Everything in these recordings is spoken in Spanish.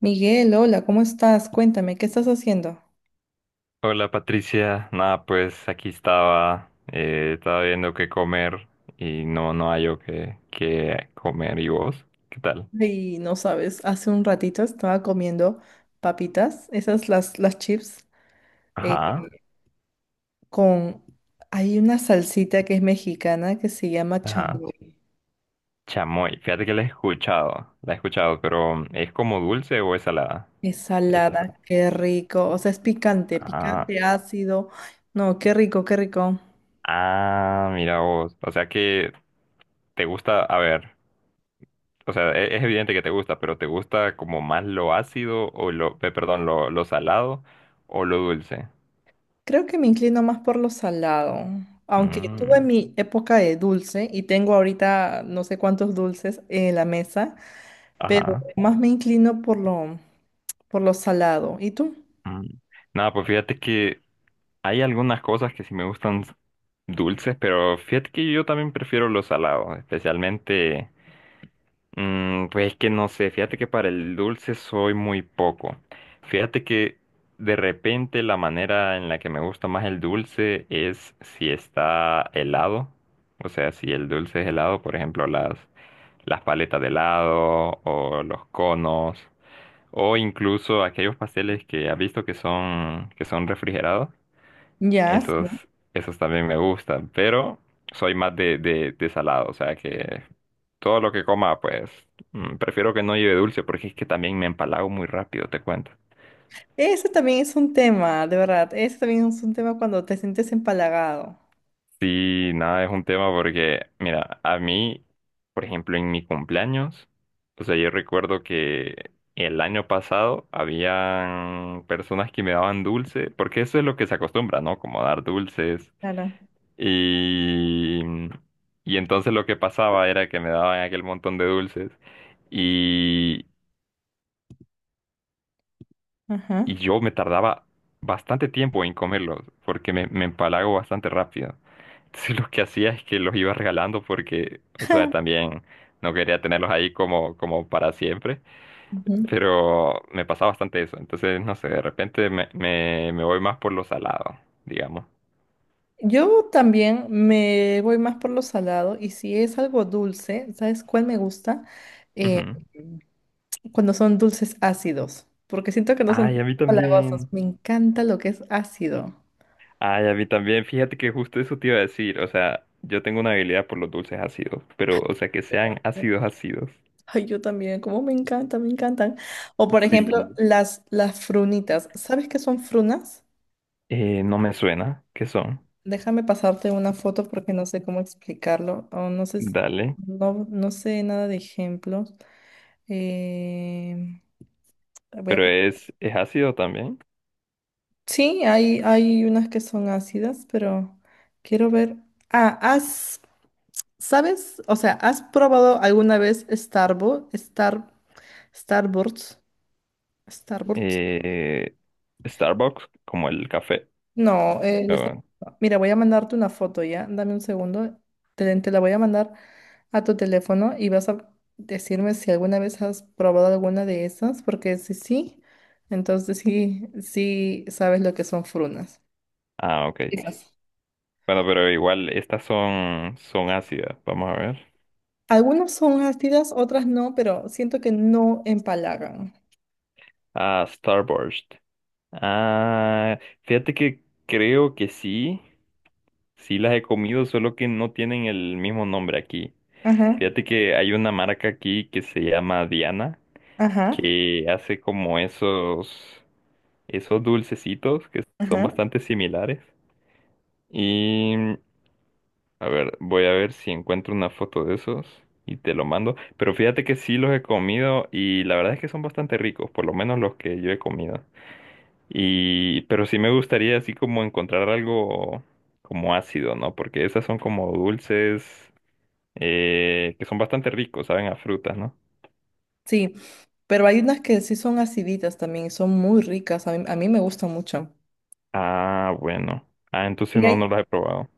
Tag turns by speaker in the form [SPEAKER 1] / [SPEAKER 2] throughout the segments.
[SPEAKER 1] Miguel, hola, ¿cómo estás? Cuéntame, ¿qué estás haciendo?
[SPEAKER 2] Hola Patricia, nada pues aquí estaba, estaba viendo qué comer y no hallo qué comer y vos, ¿qué tal?
[SPEAKER 1] Y no sabes, hace un ratito estaba comiendo papitas, esas las chips, eh,
[SPEAKER 2] Ajá,
[SPEAKER 1] con... Hay una salsita que es mexicana que se llama
[SPEAKER 2] ajá,
[SPEAKER 1] chamoy.
[SPEAKER 2] chamoy, fíjate que la he escuchado, pero ¿es como dulce o es salada?
[SPEAKER 1] Es
[SPEAKER 2] Es salada.
[SPEAKER 1] salada, qué rico. O sea, es picante,
[SPEAKER 2] Ah,
[SPEAKER 1] picante, ácido. No, qué rico, qué rico.
[SPEAKER 2] ah, mira vos, o sea que te gusta, a ver, o sea, es, evidente que te gusta, pero ¿te gusta como más lo ácido o perdón, lo salado o lo dulce?
[SPEAKER 1] Creo que me inclino más por lo salado. Aunque tuve
[SPEAKER 2] Mm,
[SPEAKER 1] mi época de dulce y tengo ahorita no sé cuántos dulces en la mesa. Pero
[SPEAKER 2] ajá.
[SPEAKER 1] más me inclino por lo salado. ¿Y tú?
[SPEAKER 2] Mm. Nada, pues fíjate que hay algunas cosas que sí me gustan dulces, pero fíjate que yo también prefiero los salados, especialmente, pues es que no sé, fíjate que para el dulce soy muy poco. Fíjate que de repente la manera en la que me gusta más el dulce es si está helado, o sea, si el dulce es helado, por ejemplo, las paletas de helado o los conos. O incluso aquellos pasteles que ha visto que son, refrigerados,
[SPEAKER 1] Ya,
[SPEAKER 2] esos,
[SPEAKER 1] sí.
[SPEAKER 2] esos también me gustan, pero soy más de salado, o sea que todo lo que coma, pues prefiero que no lleve dulce porque es que también me empalago muy rápido, te cuento.
[SPEAKER 1] Ese también es un tema, de verdad. Ese también es un tema cuando te sientes empalagado.
[SPEAKER 2] Sí, nada, es un tema porque, mira, a mí, por ejemplo, en mi cumpleaños, o sea, yo recuerdo que el año pasado habían personas que me daban dulce, porque eso es lo que se acostumbra, ¿no? Como dar dulces.
[SPEAKER 1] Claro.
[SPEAKER 2] Y, y entonces lo que pasaba era que me daban aquel montón de dulces y, y
[SPEAKER 1] Ajá.
[SPEAKER 2] yo me tardaba bastante tiempo en comerlos porque me empalago bastante rápido. Entonces lo que hacía es que los iba regalando porque, o sea, también no quería tenerlos ahí como para siempre,
[SPEAKER 1] Ujú.
[SPEAKER 2] pero me pasaba bastante eso. Entonces, no sé, de repente me voy más por lo salado, digamos.
[SPEAKER 1] Yo también me voy más por lo salado y si es algo dulce, ¿sabes cuál me gusta?
[SPEAKER 2] Ujú.
[SPEAKER 1] Mm. Cuando son dulces ácidos, porque siento que no son
[SPEAKER 2] Ay,
[SPEAKER 1] tan
[SPEAKER 2] a mí
[SPEAKER 1] empalagosos.
[SPEAKER 2] también.
[SPEAKER 1] Me encanta lo que es ácido.
[SPEAKER 2] Ay, a mí también, fíjate que justo eso te iba a decir, o sea, yo tengo una habilidad por los dulces ácidos, pero, o sea, que sean ácidos ácidos.
[SPEAKER 1] Ay, yo también, como me encanta, me encantan. O por ejemplo,
[SPEAKER 2] Sí.
[SPEAKER 1] las frunitas. ¿Sabes qué son frunas?
[SPEAKER 2] No me suena, ¿qué son?
[SPEAKER 1] Déjame pasarte una foto porque no sé cómo explicarlo. O no sé,
[SPEAKER 2] Dale,
[SPEAKER 1] no, no sé nada de ejemplos. Eh, voy a
[SPEAKER 2] pero
[SPEAKER 1] pon-
[SPEAKER 2] es ácido también.
[SPEAKER 1] Sí, hay unas que son ácidas, pero quiero ver. Ah, ¿sabes? O sea, ¿has probado alguna vez Starburst? Starburst.
[SPEAKER 2] Eh, Starbucks, como el café.
[SPEAKER 1] No,
[SPEAKER 2] Oh,
[SPEAKER 1] mira, voy a mandarte una foto ya. Dame un segundo. Te la voy a mandar a tu teléfono y vas a decirme si alguna vez has probado alguna de esas, porque si sí, entonces sí, sí sabes lo que son frunas.
[SPEAKER 2] ah, ok.
[SPEAKER 1] Fijas.
[SPEAKER 2] Bueno, pero igual, estas son, ácidas, vamos a ver.
[SPEAKER 1] Algunas son ácidas, otras no, pero siento que no empalagan.
[SPEAKER 2] Ah, Starburst. Ah, fíjate que creo que sí. Sí las he comido, solo que no tienen el mismo nombre aquí.
[SPEAKER 1] Ajá,
[SPEAKER 2] Fíjate que hay una marca aquí que se llama Diana,
[SPEAKER 1] ajá,
[SPEAKER 2] que hace como esos dulcecitos que son
[SPEAKER 1] ajá.
[SPEAKER 2] bastante similares. Y a ver, voy a ver si encuentro una foto de esos y te lo mando. Pero fíjate que sí los he comido y la verdad es que son bastante ricos, por lo menos los que yo he comido. Y, pero sí me gustaría así como encontrar algo como ácido, ¿no? Porque esas son como dulces que son bastante ricos, saben a frutas, ¿no?
[SPEAKER 1] Sí, pero hay unas que sí son aciditas también y son muy ricas. A mí me gustan mucho.
[SPEAKER 2] Ah, bueno. Ah, entonces
[SPEAKER 1] Y
[SPEAKER 2] no,
[SPEAKER 1] hay
[SPEAKER 2] no los he probado.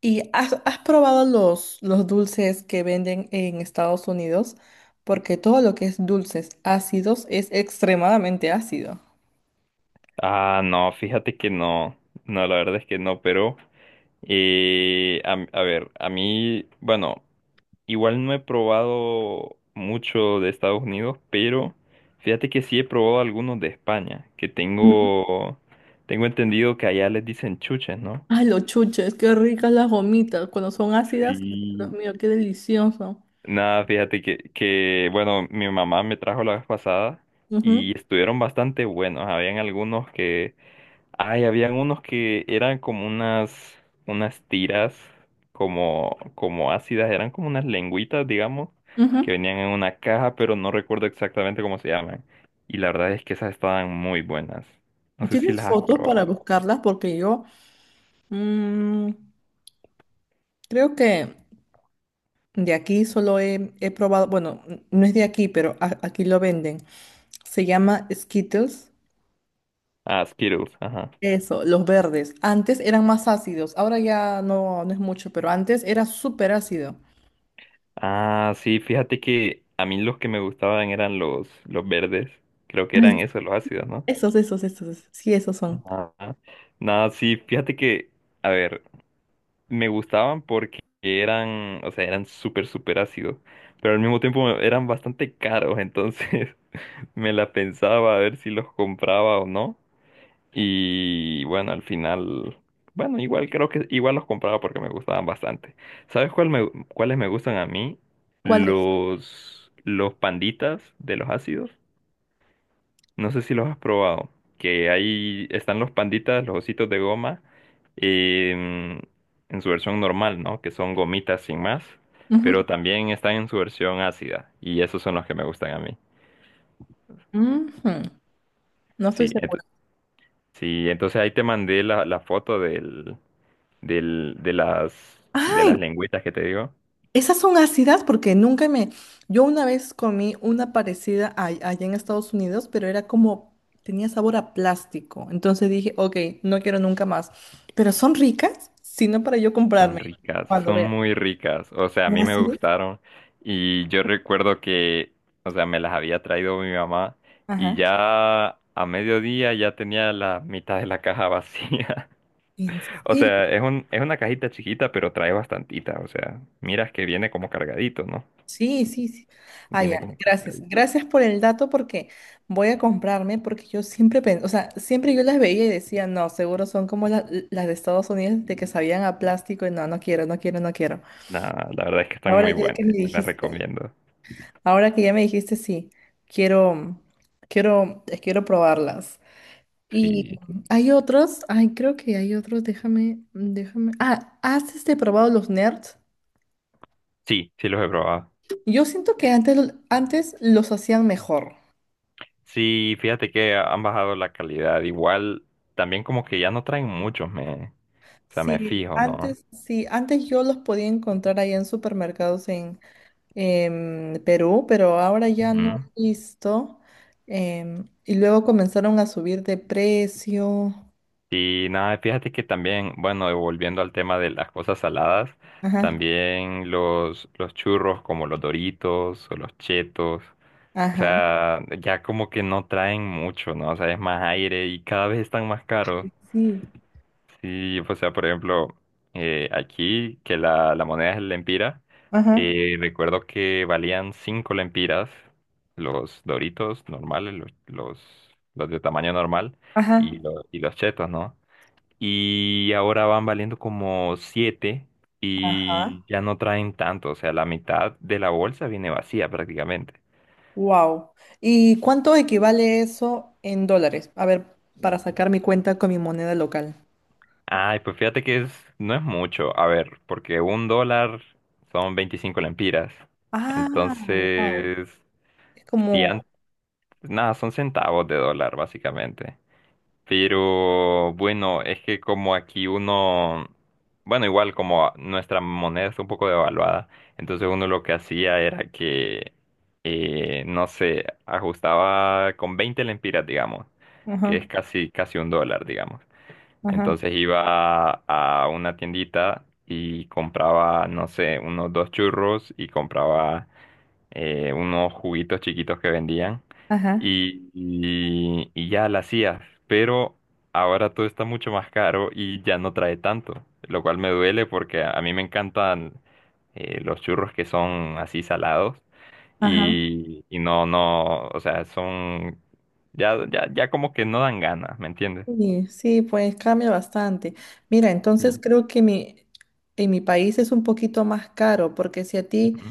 [SPEAKER 1] ¿Y has probado los dulces que venden en Estados Unidos? Porque todo lo que es dulces ácidos es extremadamente ácido.
[SPEAKER 2] Ah, no, fíjate que no. No, la verdad es que no, pero a ver, a mí, bueno, igual no he probado mucho de Estados Unidos, pero fíjate que sí he probado algunos de España, que
[SPEAKER 1] Ujú.
[SPEAKER 2] tengo entendido que allá les dicen chuches, ¿no?
[SPEAKER 1] Ay, los chuches, qué ricas las gomitas. Cuando son ácidas, Dios
[SPEAKER 2] Sí,
[SPEAKER 1] mío, qué delicioso.
[SPEAKER 2] nada, fíjate que, bueno, mi mamá me trajo la vez pasada
[SPEAKER 1] Ujú,
[SPEAKER 2] y estuvieron bastante buenos. Habían algunos que, ay, habían unos que eran como unas tiras, como ácidas, eran como unas lengüitas, digamos, que
[SPEAKER 1] ujú.
[SPEAKER 2] venían en una caja, pero no recuerdo exactamente cómo se llaman. Y la verdad es que esas estaban muy buenas. No sé si
[SPEAKER 1] ¿Tienes
[SPEAKER 2] las has
[SPEAKER 1] fotos para
[SPEAKER 2] probado.
[SPEAKER 1] buscarlas? Porque yo mm, creo que de aquí solo he probado, bueno, no es de aquí, pero aquí lo venden. Se llama Skittles.
[SPEAKER 2] Ah, Skittles, ajá.
[SPEAKER 1] Eso, los verdes. Antes eran más ácidos, ahora ya no, no es mucho, pero antes era súper ácido.
[SPEAKER 2] Ah, sí, fíjate que a mí los que me gustaban eran los verdes. Creo que
[SPEAKER 1] Ay,
[SPEAKER 2] eran esos, los ácidos, ¿no?
[SPEAKER 1] esos, esos, esos, esos. Sí, esos son.
[SPEAKER 2] Ajá. Nada, sí, fíjate que, a ver, me gustaban porque eran, o sea, eran súper, súper ácidos, pero al mismo tiempo eran bastante caros, entonces me la pensaba a ver si los compraba o no. Y bueno, al final, bueno, igual creo que igual los compraba porque me gustaban bastante. ¿Sabes cuáles me gustan a mí?
[SPEAKER 1] ¿Cuáles?
[SPEAKER 2] Los panditas de los ácidos. No sé si los has probado. Que ahí están los panditas, los ositos de goma, em, en su versión normal, ¿no? Que son gomitas sin más.
[SPEAKER 1] Ujú,
[SPEAKER 2] Pero también están en su versión ácida. Y esos son los que me gustan a mí.
[SPEAKER 1] ujú. No estoy
[SPEAKER 2] Sí,
[SPEAKER 1] segura.
[SPEAKER 2] sí, entonces ahí te mandé la foto de
[SPEAKER 1] Ay,
[SPEAKER 2] las lengüitas que te digo,
[SPEAKER 1] esas son ácidas porque nunca me. Yo una vez comí una parecida allá en Estados Unidos, pero era como. Tenía sabor a plástico. Entonces dije, ok, no quiero nunca más. Pero son ricas, sino para yo
[SPEAKER 2] son
[SPEAKER 1] comprarme
[SPEAKER 2] ricas,
[SPEAKER 1] cuando
[SPEAKER 2] son
[SPEAKER 1] vea.
[SPEAKER 2] muy ricas. O sea, a mí me
[SPEAKER 1] ¿Ácidas?
[SPEAKER 2] gustaron y yo recuerdo que, o sea, me las había traído mi mamá y
[SPEAKER 1] Ajá.
[SPEAKER 2] ya a mediodía ya tenía la mitad de la caja vacía.
[SPEAKER 1] ¿En
[SPEAKER 2] O sea,
[SPEAKER 1] serio?
[SPEAKER 2] es una cajita chiquita, pero trae bastantita. O sea, miras que viene como cargadito, ¿no?
[SPEAKER 1] Sí, sí, sí. Ah,
[SPEAKER 2] Viene
[SPEAKER 1] ya,
[SPEAKER 2] como
[SPEAKER 1] gracias.
[SPEAKER 2] cargadito.
[SPEAKER 1] Gracias por el dato porque voy a comprarme porque yo siempre pensé, o sea, siempre yo las veía y decía, no, seguro son como las de Estados Unidos de que sabían a plástico y no, no quiero, no quiero, no quiero.
[SPEAKER 2] Nah, la verdad es que están
[SPEAKER 1] Ahora
[SPEAKER 2] muy
[SPEAKER 1] ya que me
[SPEAKER 2] buenas, te las
[SPEAKER 1] dijiste,
[SPEAKER 2] recomiendo.
[SPEAKER 1] ahora que ya me dijiste, sí, quiero, quiero probarlas. Y
[SPEAKER 2] Sí,
[SPEAKER 1] hay otros, ay, creo que hay otros, déjame. Ah, ¿has probado los nerds?
[SPEAKER 2] sí, sí los he probado.
[SPEAKER 1] Yo siento que antes los hacían mejor.
[SPEAKER 2] Sí, fíjate que han bajado la calidad. Igual, también como que ya no traen muchos, o sea, me fijo, ¿no?
[SPEAKER 1] Sí, antes yo los podía encontrar ahí en supermercados en Perú, pero ahora ya no
[SPEAKER 2] Ujú.
[SPEAKER 1] he visto. Y luego comenzaron a subir de precio.
[SPEAKER 2] Y nada, fíjate que también, bueno, y volviendo al tema de las cosas saladas,
[SPEAKER 1] Ajá,
[SPEAKER 2] también los churros como los Doritos o los Chetos, o
[SPEAKER 1] ajá,
[SPEAKER 2] sea, ya como que no traen mucho, ¿no? O sea, es más aire y cada vez están más caros.
[SPEAKER 1] sí,
[SPEAKER 2] Sí, o sea, por ejemplo, aquí que la moneda es el lempira,
[SPEAKER 1] ajá,
[SPEAKER 2] recuerdo que valían 5 lempiras los Doritos normales, los de tamaño normal y,
[SPEAKER 1] ajá,
[SPEAKER 2] los chetos, ¿no? Y ahora van valiendo como 7
[SPEAKER 1] ajá.
[SPEAKER 2] y ya no traen tanto, o sea, la mitad de la bolsa viene vacía prácticamente.
[SPEAKER 1] Wow. ¿Y cuánto equivale eso en dólares? A ver, para sacar mi cuenta con mi moneda local.
[SPEAKER 2] Ay, pues fíjate que no es mucho. A ver, porque un dólar son 25 lempiras.
[SPEAKER 1] Ah, wow.
[SPEAKER 2] Entonces,
[SPEAKER 1] Es
[SPEAKER 2] si
[SPEAKER 1] como,
[SPEAKER 2] nada, son centavos de dólar, básicamente. Pero bueno, es que como aquí uno, bueno, igual como nuestra moneda está un poco devaluada, entonces uno lo que hacía era que, no sé, ajustaba con 20 lempiras, digamos, que
[SPEAKER 1] ajá,
[SPEAKER 2] es casi, casi un dólar, digamos.
[SPEAKER 1] ajá,
[SPEAKER 2] Entonces iba a una tiendita y compraba, no sé, unos dos churros y compraba unos juguitos chiquitos que vendían
[SPEAKER 1] ajá,
[SPEAKER 2] y ya la hacía. Pero ahora todo está mucho más caro y ya no trae tanto, lo cual me duele porque a mí me encantan los churros que son así salados
[SPEAKER 1] ajá.
[SPEAKER 2] y no, o sea, ya, ya, ya como que no dan ganas, ¿me entiendes?
[SPEAKER 1] Sí, sí, pues cambia bastante. Mira, entonces
[SPEAKER 2] Sí.
[SPEAKER 1] creo que en mi país es un poquito más caro, porque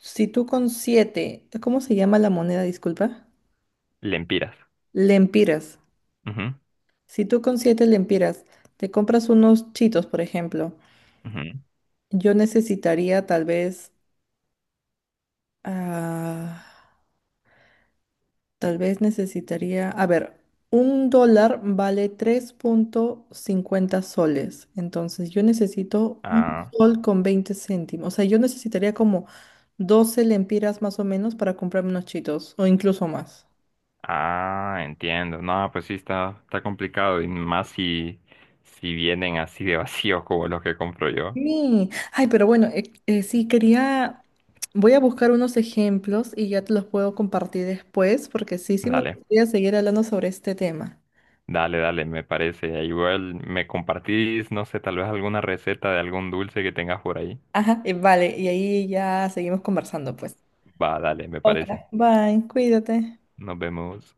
[SPEAKER 1] si tú con siete, ¿cómo se llama la moneda? Disculpa.
[SPEAKER 2] Lempiras.
[SPEAKER 1] Lempiras.
[SPEAKER 2] Ujú,
[SPEAKER 1] Si tú con 7 lempiras te compras unos chitos, por ejemplo,
[SPEAKER 2] ujú.
[SPEAKER 1] yo necesitaría tal vez ah, Tal vez necesitaría, a ver, 1 dólar vale 3.50 soles, entonces yo necesito un
[SPEAKER 2] Ah,
[SPEAKER 1] sol con 20 céntimos, o sea, yo necesitaría como 12 lempiras más o menos para comprarme unos chitos, o incluso más.
[SPEAKER 2] ah, entiendo. No, pues sí, está complicado. Y más si vienen así de vacíos como los que compro yo.
[SPEAKER 1] Sí, ay, pero bueno, sí, quería, voy a buscar unos ejemplos y ya te los puedo compartir después, porque sí, sí me
[SPEAKER 2] Dale,
[SPEAKER 1] gustaría seguir hablando sobre este tema.
[SPEAKER 2] dale, dale, me parece. Igual me compartís, no sé, tal vez alguna receta de algún dulce que tengas por ahí.
[SPEAKER 1] Ajá, vale, y ahí ya seguimos conversando, pues.
[SPEAKER 2] Va, dale, me
[SPEAKER 1] Ok,
[SPEAKER 2] parece.
[SPEAKER 1] bye, cuídate.
[SPEAKER 2] Nos vemos.